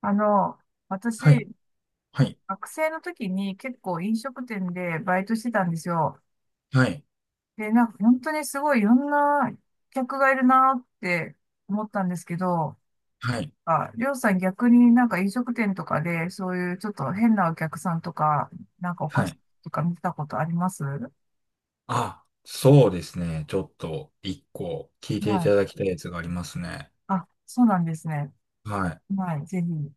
あの、はい、私、はい、学生の時に結構飲食店でバイトしてたんですよ。はい、で、なんか本当にすごいいろんな客がいるなって思ったんですけど、はい、あ、りょうさん逆になんか飲食店とかでそういうちょっと変なお客さんとか、なんかおは菓子い。とか見たことあります。あ、そうですね。ちょっと一個聞いていはい。ただきたいやつがありますね。あ、そうなんですね。はい、はい、ぜひ。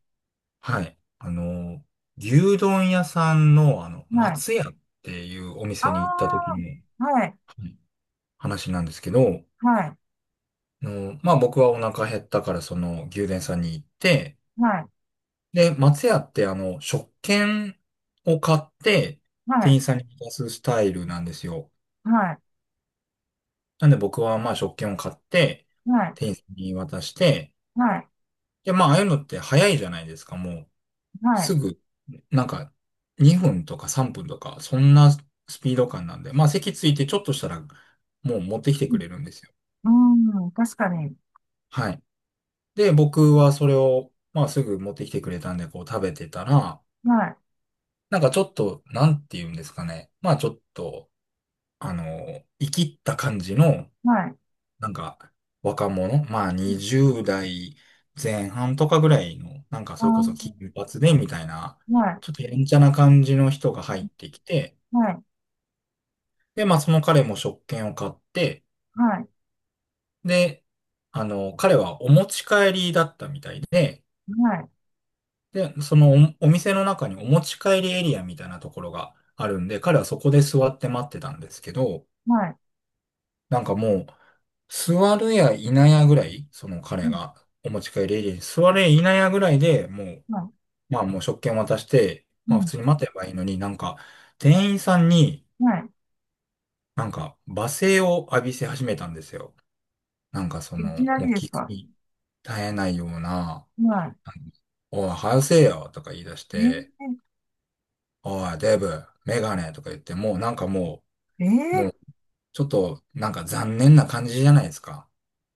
はい。牛丼屋さんの、はい。松屋っていうお店に行った時あに、あ、はい、はい、話なんですけど、はい、まあ僕はお腹減ったから、その牛丼屋さんに行って、はい、で、松屋って食券を買って、は店員い、さんに渡すスタイルなんですよ。はい、なんで僕はまあ食券を買って、はい、店員さんに渡して、はい、はい。で、まあああいうのって早いじゃないですか、もう。はすい。ぐ、なんか2分とか3分とか、そんなスピード感なんで、まあ席ついてちょっとしたら、もう持ってきてくれるんですよ。うん、確かに。はい。で、僕はそれを、まあすぐ持ってきてくれたんで、こう食べてたら、はい、なんかちょっと、なんて言うんですかね。まあちょっと、生きった感じの、はい。なんか、若者、まあうん。20代前半とかぐらいの、なんかあそれこそ金ー、髪でみたいな、はちょっい、とやんちゃな感じの人が入ってきて、はい、で、まあその彼も食券を買って、はい、で、彼はお持ち帰りだったみたいで、はい、で、お店の中にお持ち帰りエリアみたいなところがあるんで、彼はそこで座って待ってたんですけど、はい、なんかもう、座るやいなやぐらい、その彼うん、がお持ち帰りエリアに座るやいなやぐらいでもう、はまあもう食券渡して、い、うまあ普ん、通に待てばいいのになんか、店員さんにはい。なんか罵声を浴びせ始めたんですよ。なんかそいきの、なもうりです聞くか？に耐えないような、なはんかおい、早せえよとか言い出しい。て、おい、デブ、メガネとか言って、もうなんかもー、う、もえうちょっとなんか残念な感じじゃないですか。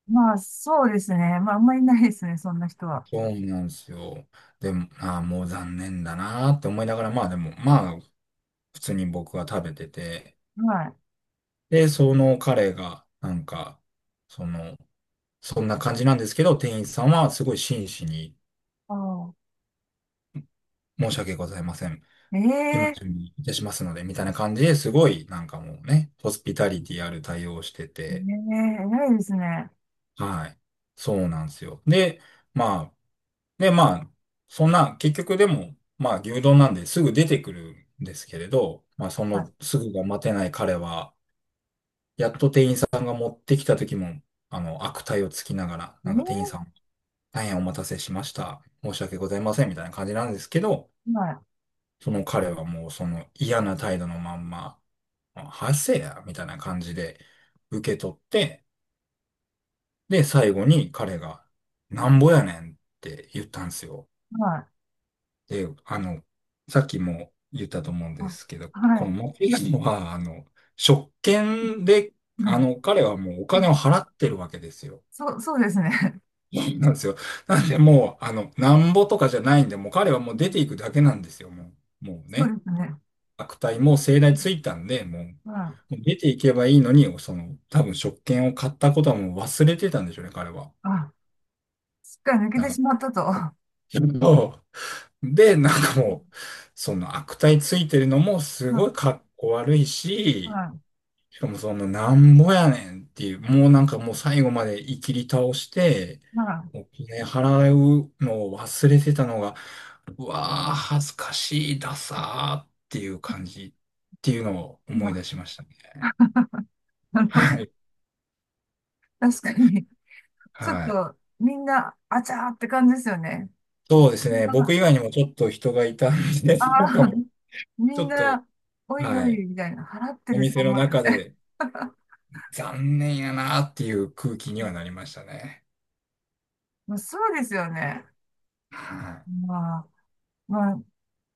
まあ、そうですね。まあ、あんまりいないですね、そんな人は。そうなんですよ。でも、ああ、もう残念だなーって思いながら、まあでも、まあ、普通に僕は食べてて、はい。で、その彼が、なんか、その、そんな感じなんですけど、店員さんはすごい真摯に、あー、申し訳ございません。今ええ準備いたしますので、みたいな感じですごい、なんかもうね、ホスピタリティある対応をしてー、て、ないですね。はい。そうなんですよ。まあ、で、まあ、そんな、結局でも、まあ、牛丼なんですぐ出てくるんですけれど、まあ、そのはすぐが待てない彼は、やっと手ってきた時も、悪態をつきながら、い。なんか店員えさえん、大変お待たせしました。申し訳ございません、みたいな感じなんですけど、ー、はい、その彼はもうその嫌な態度のまんま、はせや、みたいな感じで受け取って、で、最後に彼が、なんぼやねんって言ったんですよ。はい、で、さっきも言ったと思うんであ、すけど、このはモキガモは、職い、権で、はい。彼はもうお金を払ってるわけですよ。そう、そうですね。なんですよ。なんで、もう、なんぼとかじゃないんで、もう彼はもうう出ん。ていくだけなんですよ、もう。もうそうね。ですね。悪態も盛大ついたんで、もう、はもい。う出ていけばいいのに、その、多分職権を買ったことはもう忘れてたんでしょうね、彼は。あ、すっかり抜けだてから、しまったと。は で、なんかもう、その悪態ついてるのもすごいい、かっこ悪いし、はしかもそのなんぼやねんっていう、もうなんかもう最後までいきり倒して、い、はお金払うのを忘れてたのが、うわー、恥ずかしい、ダサーっていう感じっていうのをい。思はい出しい。ましたね。なるほど。はい。確かに、ちょっはい。と、みんな、あちゃーって感じですよね。そうですね。僕あ以外にもちょっと人がいたんで、あなんかもー、う、みちんょっと、な、おいはおい。い、みたいな、払っておるぞ、お店の前、み中たいな。で、残念やなっていう空気にはなりましたね。まあ、そうですよね。はい。まあ、まあ、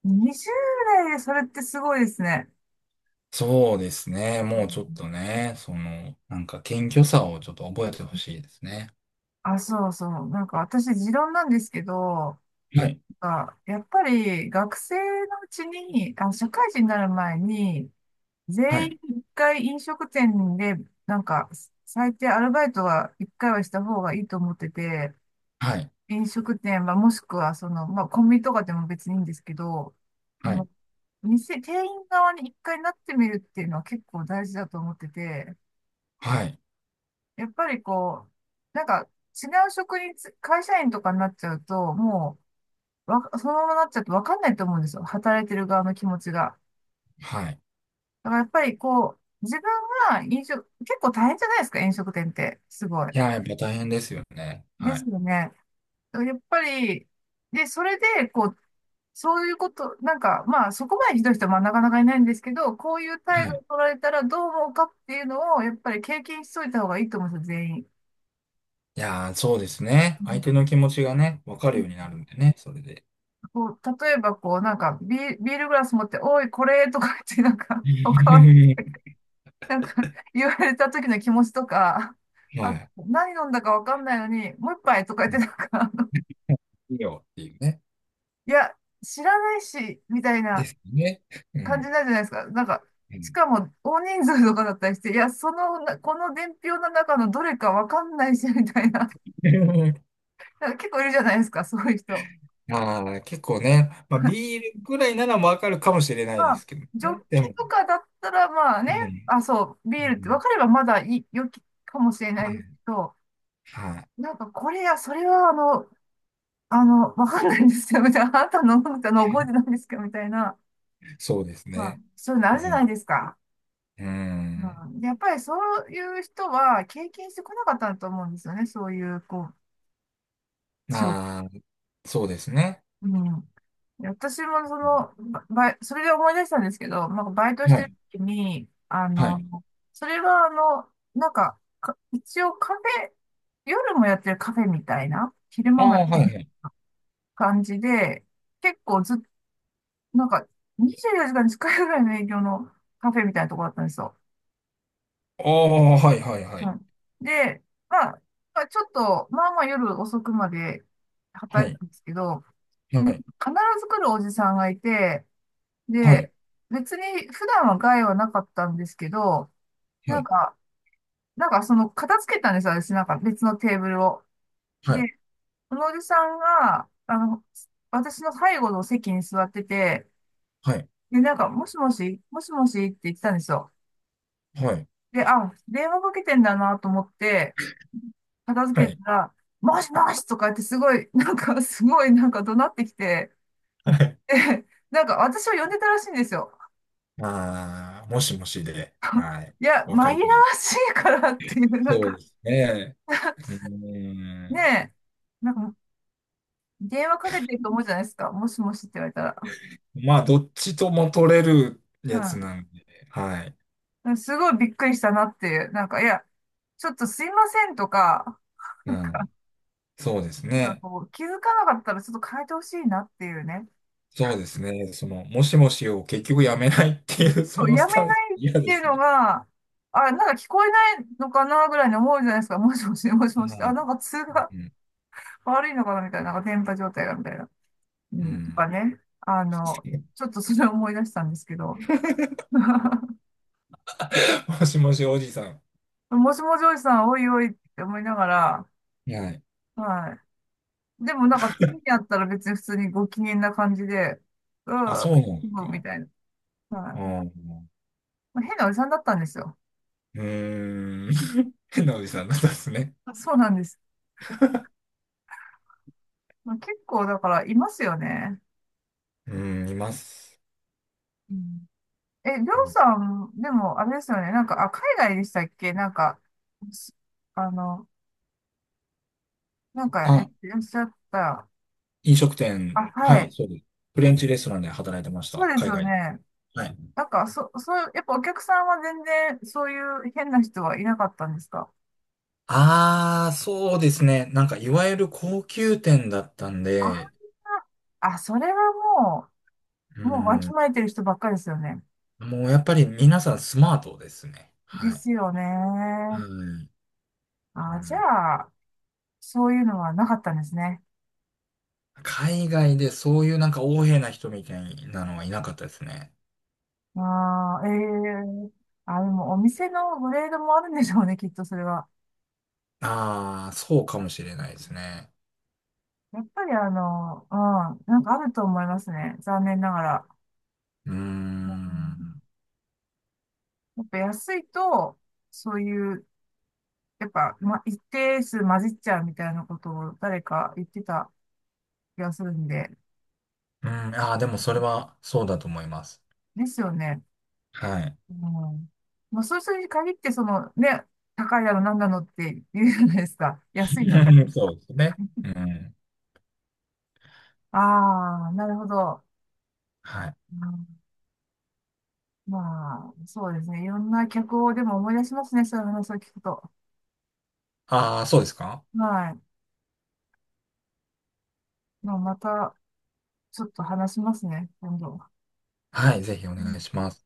20代でそれってすごいですね。そうですね。うもうちょっん。とね、その、なんか謙虚さをちょっと覚えてほしいですね。あ、そうそう。なんか私、持論なんですけど、はい。あ、やっぱり学生のうちに、あ、社会人になる前に、は全い。員一回飲食店で、なんか、最低アルバイトは一回はした方がいいと思ってて、はい。飲食店はもしくは、その、まあ、コンビニとかでも別にいいんですけど、そはの、い。店員側に一回なってみるっていうのは結構大事だと思ってて、はい。やっぱりこう、なんか、違う職につ、会社員とかになっちゃうと、もう、そのままなっちゃうとわかんないと思うんですよ。働いてる側の気持ちが。はい。だからやっぱりこう、自分が飲食、結構大変じゃないですか、飲食店って。すごい。いやー、やっぱ大変ですよね。ではすい。よね。だからやっぱり、で、それで、こう、そういうこと、なんか、まあ、そこまでひどい人はまあなかなかいないんですけど、こういう態は度をい。取られたらどう思うかっていうのを、やっぱり経験しといた方がいいと思うんですよ、全員。いやー、そうですね。う相ん。手の気持ちがね、わかるようになるんでね、それで。こう、例えば、こう、なんかビールグラス持って、おい、これとか言って、なんか、おかわりとか なんか 言われた時の気持ちとか、あと、は何飲んだかわかんないのに、もう一杯とかい。う言ん、ってなんか、いいよっていうね。いや、知らないし、みたいでなすね。う感じん。なんじゃないですか。なんか、うしん。 かも大人数とかだったりして、いや、そのな、この伝票の中のどれかわかんないし、みたいな。なんか結構いるじゃないですか、そういう人。ああ、結構ね。まあ、ビールぐらいならわかるかもしれなまいであ、すけどジョッね。でキも、とかだったら、まあうね、ん、あ、そう、ビうールって分ん、かればまだいい、良きかもしれなはいでい、すけど、はい。なんかこれや、それはあの、わかんないんですよ。みたいな。あなたの飲んだの覚えてないんですかみたいな。そうですまあ、ね。そういうのあうるじゃないん、ですか。ううん。ん、で、やっぱりそういう人は経験してこなかったんと思うんですよね。そういう、こう、仕事。ああ、そうですね。うん。で私もそうん、の、ばバイ、それで思い出したんですけど、まあ、バイトしはてるい、時に、あはの、い。それはあの、なんか、一応カフェ、夜もやってるカフェみたいな、昼あ間もやっあ、はてるい、はい。感じで、結構ずっなんか、24時間に使えるぐらいの営業のカフェみたいなとこだったんですよ。ああ、はい、はい、はうい。ん。で、まあ、まあ、ちょっと、まあまあ夜遅くまでは働いてい、たんですけど、は必い、ず来るおじさんがいて、はい、で、別に普段は害はなかったんですけど、はなんい、か、なんかその片付けたんですよ、私なんか別のテーブルを。はで、い、そのおじさんが、私の背後の席に座ってて、はい、で、なんか、もしもし、もしもしって言ってたんですよ。で、あ、電話かけてんだなと思って、片は付い、けはい。たら、もしもしとか言ってすごい、なんかすごいなんか怒鳴ってきて、はい、で、なんか私を呼んでたらしいんですよ。ああ、もしもしで、はい。いや、紛わらかわりに。しいからっていう、なんそうか、ですね。うねん、え、なんか電話かけてると思うじゃないですか。もしもしって言われたら。まあ、どっちとも取れるやつなんで、はい。うん。すごいびっくりしたなっていう、なんか、いや、ちょっとすいませんとか、うん。そうですなんかね。こう、気づかなかったらちょっと変えてほしいなっていうね。そうですね。その、もしもしを結局やめないっていう、そそうのやスめタンス、ないっ嫌てでいうすのね。が、あ、なんか聞こえないのかなぐらいに思うじゃないですか。もしもし、もしもはし。あ、い。なんか通がうん。悪いのかなみたいな、なんか電波状態がみたいな。ううん、とかん。ね。ちょっとそれを思い出したんですけど。もしもしおじさん。もしもジョイさん、おいおいって思いながら、はい。はい。でもなんか次に会ったら別に普通にご機嫌な感じで、うあ、ん、うそうなんですん、みか。たいな。はあい。ー。まあ変なおじさんだったんですよ。うーん。うん、変なおじさんなんですね。そうなんです。まあ、結構だからいますよね。うん、います。うん。え、りょううん。さん、でも、あれですよね。なんか、あ、海外でしたっけ？なんか、すあの、なんか、やっあ、てらっしゃった。飲食あ、店。ははい、い。そうです。フレンチレストランで働いてましそた。うです海よ外で。ね。はい。なんか、そう、やっぱお客さんは全然、そういう変な人はいなかったんですか？ああ、そうですね。なんか、いわゆる高級店だったんあで、あ、それはもうもうわきん、まえてる人ばっかりですよね。もうやっぱり皆さんスマートですね。ではい。すよね。うん、うあ、じん。ゃあ、そういうのはなかったんですね。海外でそういうなんか横柄な人みたいなのはいなかったですね。ああ、ええ。あ、でもお店のグレードもあるんでしょうね、きっとそれは。ああ、そうかもしれないですね。やっぱりうん、なんかあると思いますね。残念ながら。うーうん、ん。やっぱ安いと、そういう、やっぱ、ま、一定数混じっちゃうみたいなことを誰か言ってた気がするんで、うん、ああ、でもそれはそうだと思います。ですよね。はい。うん。まあ、そういう人に限って、その、ね、高いだの、なんだのって言うじゃないですか。安いのに。そうですね。うん。ああ、なるほど。はい。うん。まあ、そうですね。いろんな客をでも思い出しますね。そういう話を聞くと。ああ、そうですか。はい。まあ、また、ちょっと話しますね、今度。はい、ぜひおう願いんします。